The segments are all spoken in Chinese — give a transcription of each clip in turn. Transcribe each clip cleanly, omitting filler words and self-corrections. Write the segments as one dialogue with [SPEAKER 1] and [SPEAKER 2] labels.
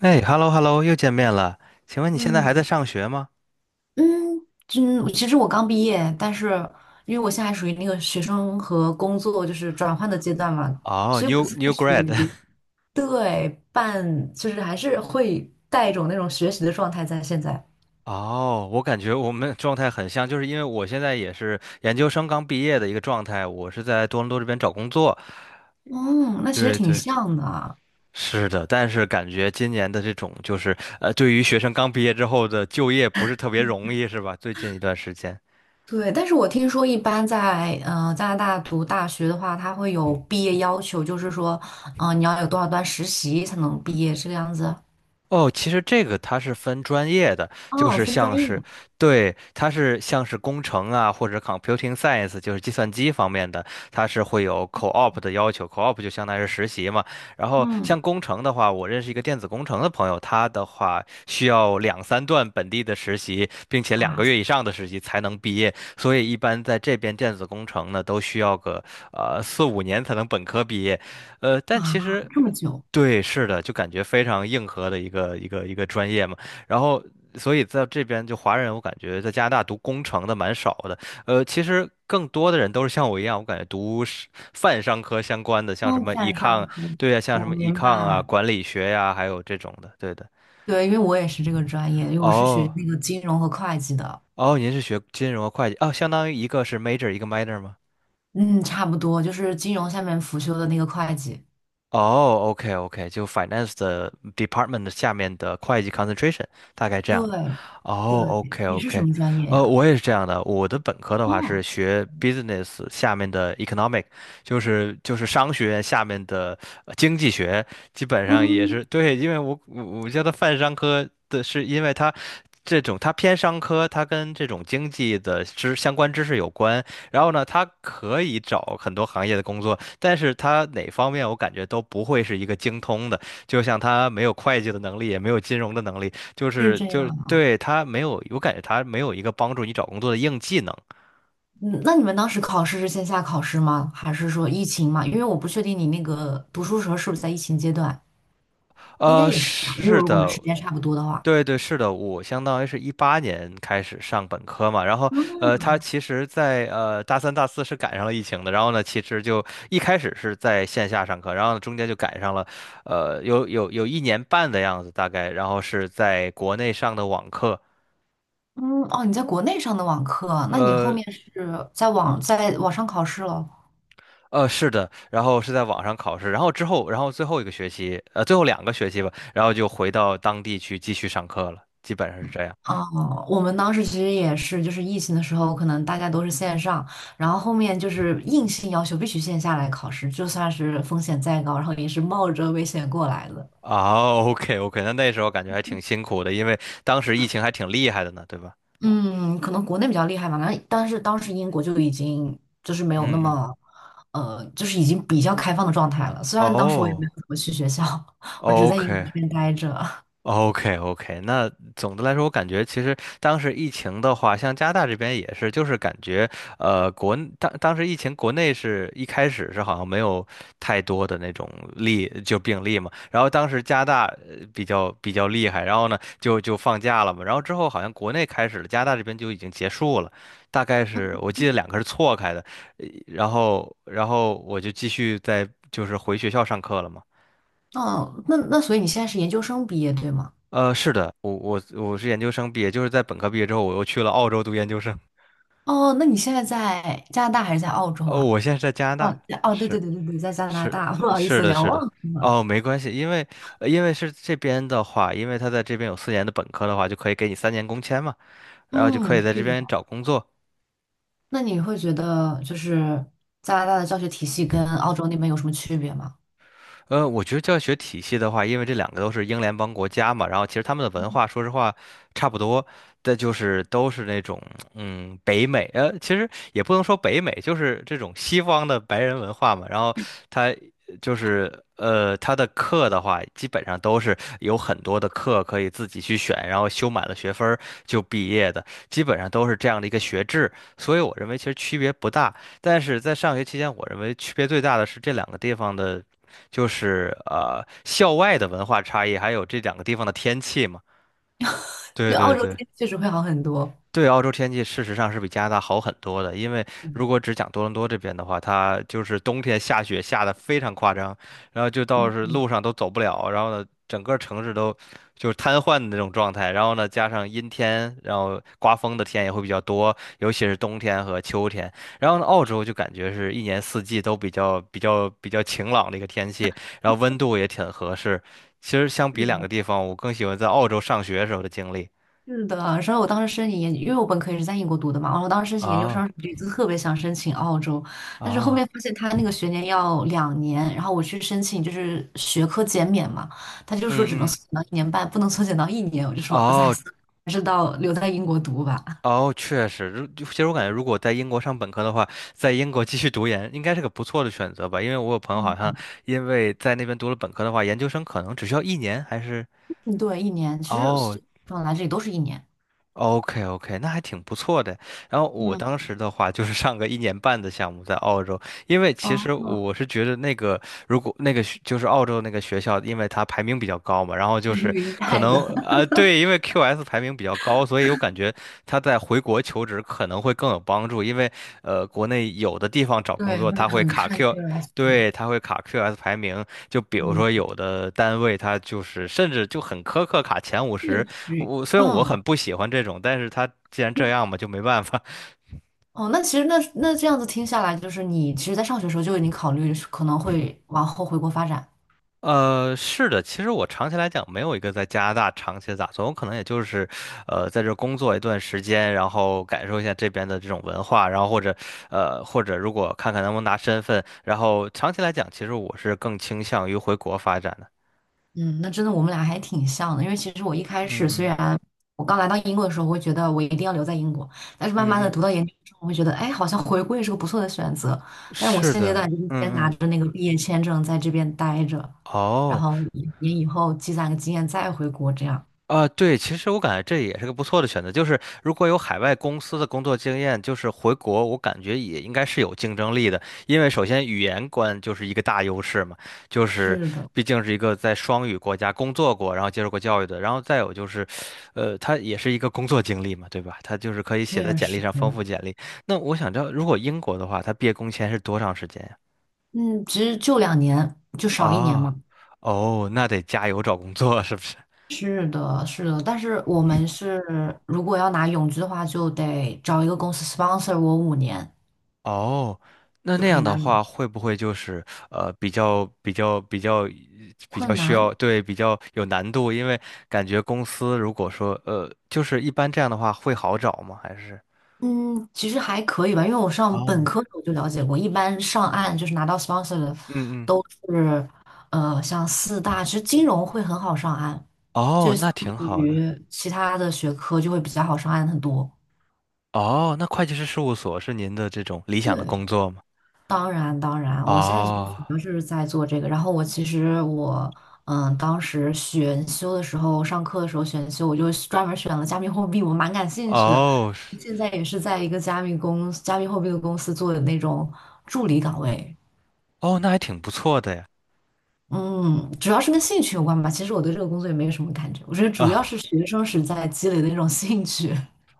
[SPEAKER 1] 哎，hello hello，又见面了。请问你现在还在
[SPEAKER 2] 嗯
[SPEAKER 1] 上学吗？
[SPEAKER 2] 嗯，就其实我刚毕业，但是因为我现在还属于那个学生和工作就是转换的阶段嘛，
[SPEAKER 1] 哦
[SPEAKER 2] 所以我
[SPEAKER 1] ，new
[SPEAKER 2] 现在
[SPEAKER 1] new
[SPEAKER 2] 属
[SPEAKER 1] grad。
[SPEAKER 2] 于 对半，就是还是会带一种那种学习的状态在现在。
[SPEAKER 1] 哦，我感觉我们状态很像，就是因为我现在也是研究生刚毕业的一个状态，我是在多伦多这边找工作。
[SPEAKER 2] 嗯，那其实
[SPEAKER 1] 对
[SPEAKER 2] 挺
[SPEAKER 1] 对，
[SPEAKER 2] 像的。
[SPEAKER 1] 是的，但是感觉今年的这种就是对于学生刚毕业之后的就业不是特别容易，是吧？最近一段时间。
[SPEAKER 2] 对，但是我听说一般在加拿大读大学的话，它会有毕业要求，就是说，你要有多少段实习才能毕业这个样子。
[SPEAKER 1] 哦，其实这个它是分专业的，就
[SPEAKER 2] 哦，
[SPEAKER 1] 是
[SPEAKER 2] 分专
[SPEAKER 1] 像是，
[SPEAKER 2] 业。
[SPEAKER 1] 对，它是像是工程啊，或者 computing science，就是计算机方面的，它是会有 co-op 的要求，co-op 就相当于是实习嘛。然后
[SPEAKER 2] 嗯，
[SPEAKER 1] 像工程的话，我认识一个电子工程的朋友，他的话需要两三段本地的实习，并且两
[SPEAKER 2] 哇
[SPEAKER 1] 个
[SPEAKER 2] 塞
[SPEAKER 1] 月以上的实习才能毕业，所以一般在这边电子工程呢，都需要个4、5年才能本科毕业。但
[SPEAKER 2] 哇，
[SPEAKER 1] 其实。
[SPEAKER 2] 这么久。
[SPEAKER 1] 对，是的，就感觉非常硬核的一个专业嘛。然后，所以在这边就华人，我感觉在加拿大读工程的蛮少的。其实更多的人都是像我一样，我感觉读是泛商科相关的，像什
[SPEAKER 2] 哦，
[SPEAKER 1] 么
[SPEAKER 2] 线上
[SPEAKER 1] econ，
[SPEAKER 2] 课，
[SPEAKER 1] 对呀，像什
[SPEAKER 2] 我
[SPEAKER 1] 么
[SPEAKER 2] 明
[SPEAKER 1] econ 啊、
[SPEAKER 2] 白。
[SPEAKER 1] 管理学呀、还有这种的。对的。
[SPEAKER 2] 对，因为我也是这个专业，因为我是学
[SPEAKER 1] 哦
[SPEAKER 2] 那个金融和会计的。
[SPEAKER 1] 哦，您是学金融和会计哦，相当于一个是 major，一个 minor 吗？
[SPEAKER 2] 嗯，差不多，就是金融下面辅修的那个会计。
[SPEAKER 1] 哦，OK OK，就 finance 的department 的下面的会计 concentration 大概这样嘛。
[SPEAKER 2] 对，
[SPEAKER 1] 哦
[SPEAKER 2] 对，
[SPEAKER 1] ，OK
[SPEAKER 2] 你是什
[SPEAKER 1] OK，
[SPEAKER 2] 么专业呀？
[SPEAKER 1] 我也是这样的。我的本科的话
[SPEAKER 2] 哦，
[SPEAKER 1] 是学 business 下面的 economic，就是商学院下面的经济学，基本上也
[SPEAKER 2] 嗯，
[SPEAKER 1] 是对，因为我叫它泛商科的是因为它。这种它偏商科，它跟这种经济的知相关知识有关，然后呢，他可以找很多行业的工作，但是他哪方面我感觉都不会是一个精通的。就像他没有会计的能力，也没有金融的能力，就
[SPEAKER 2] 是
[SPEAKER 1] 是
[SPEAKER 2] 这
[SPEAKER 1] 就
[SPEAKER 2] 样
[SPEAKER 1] 是
[SPEAKER 2] 啊。
[SPEAKER 1] 对他没有，我感觉他没有一个帮助你找工作的硬技能。
[SPEAKER 2] 嗯，那你们当时考试是线下考试吗？还是说疫情嘛？因为我不确定你那个读书时候是不是在疫情阶段，应该也是吧，因为
[SPEAKER 1] 是
[SPEAKER 2] 如果我们
[SPEAKER 1] 的，
[SPEAKER 2] 时间差不多的话。
[SPEAKER 1] 对对，是的，我相当于是18年开始上本科嘛，然后他其实在，大三、大四是赶上了疫情的，然后呢，其实就一开始是在线下上课，然后呢中间就赶上了，有一年半的样子大概，然后是在国内上的网课，
[SPEAKER 2] 嗯，哦，你在国内上的网课，那你后
[SPEAKER 1] 呃
[SPEAKER 2] 面是在网上考试了？
[SPEAKER 1] 是的，然后是在网上考试，然后之后，然后最后一个学期，最后两个学期吧，然后就回到当地去继续上课了，基本上是这样。
[SPEAKER 2] 哦，我们当时其实也是，就是疫情的时候，可能大家都是线上，然后后面就是硬性要求必须线下来考试，就算是风险再高，然后也是冒着危险过来的。
[SPEAKER 1] 啊，OK OK，那时候感觉还挺辛苦的，因为当时疫情还挺厉害的呢，对吧？
[SPEAKER 2] 嗯，可能国内比较厉害吧，那但是当时英国就已经就是没有那
[SPEAKER 1] 嗯嗯。
[SPEAKER 2] 么，就是已经比较开放的状态了。虽然当时我也没
[SPEAKER 1] 哦
[SPEAKER 2] 有怎么去学校，我只在英国
[SPEAKER 1] ，OK，
[SPEAKER 2] 这边待着。
[SPEAKER 1] OK OK，那总的来说，我感觉其实当时疫情的话，像加拿大这边也是，就是感觉当时疫情国内是一开始是好像没有太多的那种例，就病例嘛，然后当时加拿大比较厉害，然后呢就放假了嘛，然后之后好像国内开始了，加拿大这边就已经结束了，大概是我记得两个是错开的，然后我就继续在就是回学校上课了嘛。
[SPEAKER 2] 哦，那所以你现在是研究生毕业对吗？
[SPEAKER 1] 是的，我是研究生毕业，就是在本科毕业之后，我又去了澳洲读研究生。
[SPEAKER 2] 哦，那你现在在加拿大还是在澳洲
[SPEAKER 1] 哦，
[SPEAKER 2] 啊？
[SPEAKER 1] 我现在在加拿
[SPEAKER 2] 哦
[SPEAKER 1] 大，
[SPEAKER 2] 哦，对
[SPEAKER 1] 是
[SPEAKER 2] 对对对对，在加拿大，
[SPEAKER 1] 是
[SPEAKER 2] 不好意
[SPEAKER 1] 是
[SPEAKER 2] 思，
[SPEAKER 1] 的，
[SPEAKER 2] 聊
[SPEAKER 1] 是的。
[SPEAKER 2] 忘了。
[SPEAKER 1] 哦，没关系，因为是这边的话，因为他在这边有4年的本科的话，就可以给你3年工签嘛，然后就可
[SPEAKER 2] 嗯，
[SPEAKER 1] 以在这
[SPEAKER 2] 是的。
[SPEAKER 1] 边找工作。
[SPEAKER 2] 那你会觉得就是加拿大的教学体系跟澳洲那边有什么区别吗？
[SPEAKER 1] 我觉得教学体系的话，因为这两个都是英联邦国家嘛，然后其实他们的文化，说实话差不多，但就是都是那种北美，其实也不能说北美，就是这种西方的白人文化嘛。然后他就是他的课的话，基本上都是有很多的课可以自己去选，然后修满了学分儿就毕业的，基本上都是这样的一个学制。所以我认为其实区别不大，但是在上学期间，我认为区别最大的是这两个地方的。就是校外的文化差异，还有这两个地方的天气嘛。对
[SPEAKER 2] 对，澳
[SPEAKER 1] 对
[SPEAKER 2] 洲
[SPEAKER 1] 对。
[SPEAKER 2] 确实会好很多。
[SPEAKER 1] 对，澳洲天气事实上是比加拿大好很多的，因为如
[SPEAKER 2] 嗯
[SPEAKER 1] 果只讲多伦多这边的话，它就是冬天下雪下的非常夸张，然后就到
[SPEAKER 2] 嗯
[SPEAKER 1] 是
[SPEAKER 2] 嗯，
[SPEAKER 1] 路上都走不了，然后呢，整个城市都就是瘫痪的那种状态，然后呢，加上阴天，然后刮风的天也会比较多，尤其是冬天和秋天。然后呢，澳洲就感觉是一年四季都比较晴朗的一个天气，然后温度也挺合适。其实相比
[SPEAKER 2] 是
[SPEAKER 1] 两
[SPEAKER 2] 的
[SPEAKER 1] 个地方，我更喜欢在澳洲上学时候的经历。
[SPEAKER 2] 是的，然后我当时申请研，因为我本科也是在英国读的嘛，然后我当时申请研究
[SPEAKER 1] 啊
[SPEAKER 2] 生一就特别想申请澳洲，但是后
[SPEAKER 1] 啊！
[SPEAKER 2] 面发现他那个学年要两年，然后我去申请就是学科减免嘛，他就说只
[SPEAKER 1] 嗯
[SPEAKER 2] 能
[SPEAKER 1] 嗯，
[SPEAKER 2] 缩减到1年半，不能缩减到一年，我就说哎，
[SPEAKER 1] 哦
[SPEAKER 2] 还是到留在英国读吧。
[SPEAKER 1] 哦，确实，其实我感觉，如果在英国上本科的话，在英国继续读研应该是个不错的选择吧，因为我有朋友好像
[SPEAKER 2] 嗯
[SPEAKER 1] 因为在那边读了本科的话，研究生可能只需要一年，还是
[SPEAKER 2] 嗯对，一年，其实
[SPEAKER 1] 哦，
[SPEAKER 2] 本来这里都是一年。
[SPEAKER 1] OK OK，那还挺不错的。然后我
[SPEAKER 2] 嗯，
[SPEAKER 1] 当时的话就是上个一年半的项目在澳洲，因为
[SPEAKER 2] 哦，
[SPEAKER 1] 其实
[SPEAKER 2] 哦
[SPEAKER 1] 我是觉得那个如果那个就是澳洲那个学校，因为它排名比较高嘛，然后 就是
[SPEAKER 2] 明
[SPEAKER 1] 可
[SPEAKER 2] 白的，
[SPEAKER 1] 能啊、对，因为 QS 排名比较高，所以我感觉他在回国求职可能会更有帮助，因为国内有的地方找
[SPEAKER 2] 对，
[SPEAKER 1] 工作
[SPEAKER 2] 会
[SPEAKER 1] 他会
[SPEAKER 2] 很
[SPEAKER 1] 卡
[SPEAKER 2] 看 c
[SPEAKER 1] Q，
[SPEAKER 2] u r i o s
[SPEAKER 1] 对，他会卡 QS 排名，就比如
[SPEAKER 2] 嗯，
[SPEAKER 1] 说，有的单位他就是甚至就很苛刻卡前50，
[SPEAKER 2] 是，
[SPEAKER 1] 我虽然我
[SPEAKER 2] 嗯。
[SPEAKER 1] 很不喜欢这种，但是他既然这样嘛，就没办法。
[SPEAKER 2] 哦，那其实那这样子听下来，就是你其实，在上学的时候就已经考虑是可能会往后回国发展。
[SPEAKER 1] 是的，其实我长期来讲没有一个在加拿大长期的打算，我可能也就是，在这工作一段时间，然后感受一下这边的这种文化，然后或者，或者如果看看能不能拿身份，然后长期来讲，其实我是更倾向于回国发展的。
[SPEAKER 2] 嗯，那真的我们俩还挺像的，因为其实我一开
[SPEAKER 1] 嗯
[SPEAKER 2] 始虽
[SPEAKER 1] 嗯
[SPEAKER 2] 然我刚来到英国的时候，我会觉得我一定要留在英国，但是慢慢
[SPEAKER 1] 嗯
[SPEAKER 2] 的
[SPEAKER 1] 嗯，
[SPEAKER 2] 读到研究生，我会觉得，哎，好像回国也是个不错的选择。但是我
[SPEAKER 1] 是
[SPEAKER 2] 现阶
[SPEAKER 1] 的，
[SPEAKER 2] 段就是先
[SPEAKER 1] 嗯
[SPEAKER 2] 拿
[SPEAKER 1] 嗯。
[SPEAKER 2] 着那个毕业签证在这边待着，然
[SPEAKER 1] 哦，
[SPEAKER 2] 后一年以后积攒个经验再回国，这样。
[SPEAKER 1] 啊，对，其实我感觉这也是个不错的选择。就是如果有海外公司的工作经验，就是回国，我感觉也应该是有竞争力的。因为首先语言关就是一个大优势嘛，就是
[SPEAKER 2] 是的，
[SPEAKER 1] 毕竟是一个在双语国家工作过，然后接受过教育的。然后再有就是，他也是一个工作经历嘛，对吧？他就是可以写在
[SPEAKER 2] 确
[SPEAKER 1] 简历
[SPEAKER 2] 实，
[SPEAKER 1] 上丰富简历。那我想知道，如果英国的话，他毕业工签是多长时间呀？
[SPEAKER 2] 嗯，其实就两年，就少一年嘛。
[SPEAKER 1] 啊，哦，那得加油找工作，是不是？
[SPEAKER 2] 是的，是的，但是我们是如果要拿永居的话，就得找一个公司 sponsor 我5年，
[SPEAKER 1] 哦，那
[SPEAKER 2] 就
[SPEAKER 1] 那
[SPEAKER 2] 可以
[SPEAKER 1] 样的
[SPEAKER 2] 拿永
[SPEAKER 1] 话，
[SPEAKER 2] 居。
[SPEAKER 1] 会不会就是呃比较比较比较比较
[SPEAKER 2] 困
[SPEAKER 1] 需
[SPEAKER 2] 难，
[SPEAKER 1] 要对比较有难度？因为感觉公司如果说就是一般这样的话会好找吗？还是
[SPEAKER 2] 嗯，其实还可以吧，因为我上本
[SPEAKER 1] 哦
[SPEAKER 2] 科的时候就了解过，一般上岸就是拿到 sponsor 的
[SPEAKER 1] 嗯嗯
[SPEAKER 2] 都是，像四大，其实金融会很好上岸，就
[SPEAKER 1] 哦，
[SPEAKER 2] 是相
[SPEAKER 1] 那挺
[SPEAKER 2] 比
[SPEAKER 1] 好的
[SPEAKER 2] 于其他的学科就会比较好上岸很多。
[SPEAKER 1] 哦。那会计师事务所是您的这种理想的
[SPEAKER 2] 对。
[SPEAKER 1] 工作吗？
[SPEAKER 2] 当然，当然，我现在其
[SPEAKER 1] 哦
[SPEAKER 2] 实主要是在做这个。然后我其实当时选修的时候，上课的时候选修，我就专门选了加密货币，我蛮感兴趣的。
[SPEAKER 1] 哦是
[SPEAKER 2] 现在也是在一个加密货币的公司做的那种助理岗位。
[SPEAKER 1] 哦，那还挺不错的呀
[SPEAKER 2] 嗯，主要是跟兴趣有关吧。其实我对这个工作也没有什么感觉，我觉得主要
[SPEAKER 1] 啊。
[SPEAKER 2] 是学生时代积累的那种兴趣。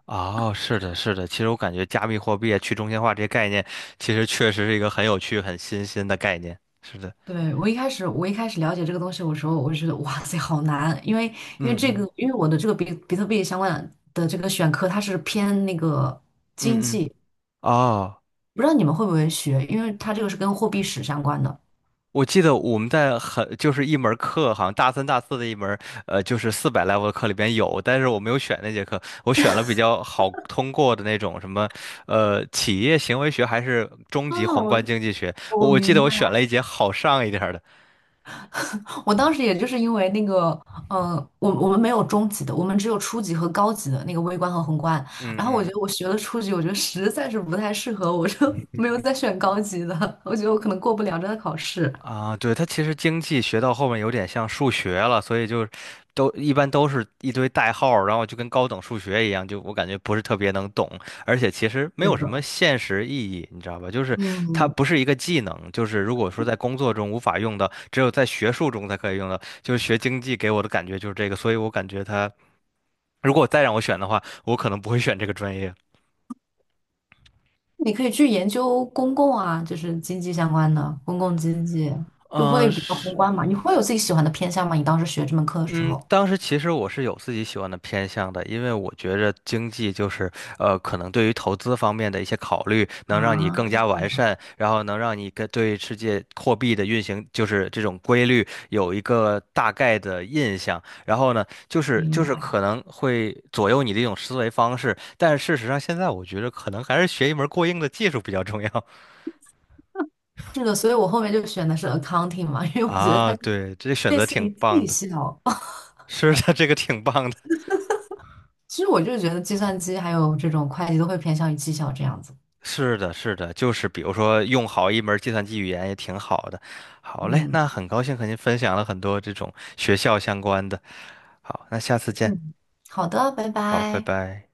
[SPEAKER 1] 哦，是的，是的。其实我感觉加密货币啊、去中心化这些概念，其实确实是一个很有趣、很新鲜的概念。是的，
[SPEAKER 2] 对，我一开始了解这个东西我说，我就觉得哇塞，好难，因为
[SPEAKER 1] 嗯
[SPEAKER 2] 这
[SPEAKER 1] 嗯
[SPEAKER 2] 个，因为我的这个比特币相关的这个选科，它是偏那个经
[SPEAKER 1] 嗯嗯。
[SPEAKER 2] 济，
[SPEAKER 1] 哦，
[SPEAKER 2] 不知道你们会不会学，因为它这个是跟货币史相关的。
[SPEAKER 1] 我记得我们在很就是一门课，好像大三、大四的一门，就是400 level 的课里边有，但是我没有选那节课，我选了比较好通过的那种什么，企业行为学还是中级宏观经济学。我记得我选了一节好上一点儿的。
[SPEAKER 2] 我当时也就是因为那个，我们没有中级的，我们只有初级和高级的那个微观和宏观。
[SPEAKER 1] 嗯
[SPEAKER 2] 然后我觉
[SPEAKER 1] 嗯
[SPEAKER 2] 得我学了初级，我觉得实在是不太适合，我就 没有再选高级的，我觉得我可能过不了这个考试。
[SPEAKER 1] 啊，对，它其实经济学到后面有点像数学了，所以就都一般都是一堆代号儿然后就跟高等数学一样，就我感觉不是特别能懂，而且其实没有
[SPEAKER 2] 是
[SPEAKER 1] 什么
[SPEAKER 2] 的，
[SPEAKER 1] 现实意义，你知道吧？就是它不
[SPEAKER 2] 嗯，
[SPEAKER 1] 是一个技能，就是如果说在工作中无法用到，只有在学术中才可以用到，就是学经济给我的感觉就是这个，所以我感觉它如果再让我选的话，我可能不会选这个专业。
[SPEAKER 2] 你可以去研究公共啊，就是经济相关的公共经济，就
[SPEAKER 1] 嗯、
[SPEAKER 2] 会比较宏
[SPEAKER 1] 是
[SPEAKER 2] 观嘛。你会有自己喜欢的偏向吗？你当时学这门课的时
[SPEAKER 1] 嗯，
[SPEAKER 2] 候
[SPEAKER 1] 当时其实我是有自己喜欢的偏向的，因为我觉着经济就是，可能对于投资方面的一些考虑，能让你
[SPEAKER 2] 啊，
[SPEAKER 1] 更加完善，然后能让你跟对世界货币的运行，就是这种规律有一个大概的印象。然后呢，就是
[SPEAKER 2] 明
[SPEAKER 1] 就是
[SPEAKER 2] 白。
[SPEAKER 1] 可能会左右你的一种思维方式，但是事实上现在我觉得可能还是学一门过硬的技术比较重要
[SPEAKER 2] 是的，所以我后面就选的是 accounting 嘛，因 为我觉得
[SPEAKER 1] 啊。
[SPEAKER 2] 它
[SPEAKER 1] 对，这选
[SPEAKER 2] 类
[SPEAKER 1] 择
[SPEAKER 2] 似
[SPEAKER 1] 挺
[SPEAKER 2] 于
[SPEAKER 1] 棒
[SPEAKER 2] 绩
[SPEAKER 1] 的，
[SPEAKER 2] 效。
[SPEAKER 1] 是的，这个挺棒的。
[SPEAKER 2] 其实我就觉得计算机还有这种会计都会偏向于绩效这样子。
[SPEAKER 1] 是的，是的，就是比如说用好一门计算机语言也挺好的。好嘞，
[SPEAKER 2] 嗯
[SPEAKER 1] 那很高兴和您分享了很多这种学校相关的。好，那下次见。
[SPEAKER 2] 嗯，好的，拜
[SPEAKER 1] 好，拜
[SPEAKER 2] 拜。
[SPEAKER 1] 拜。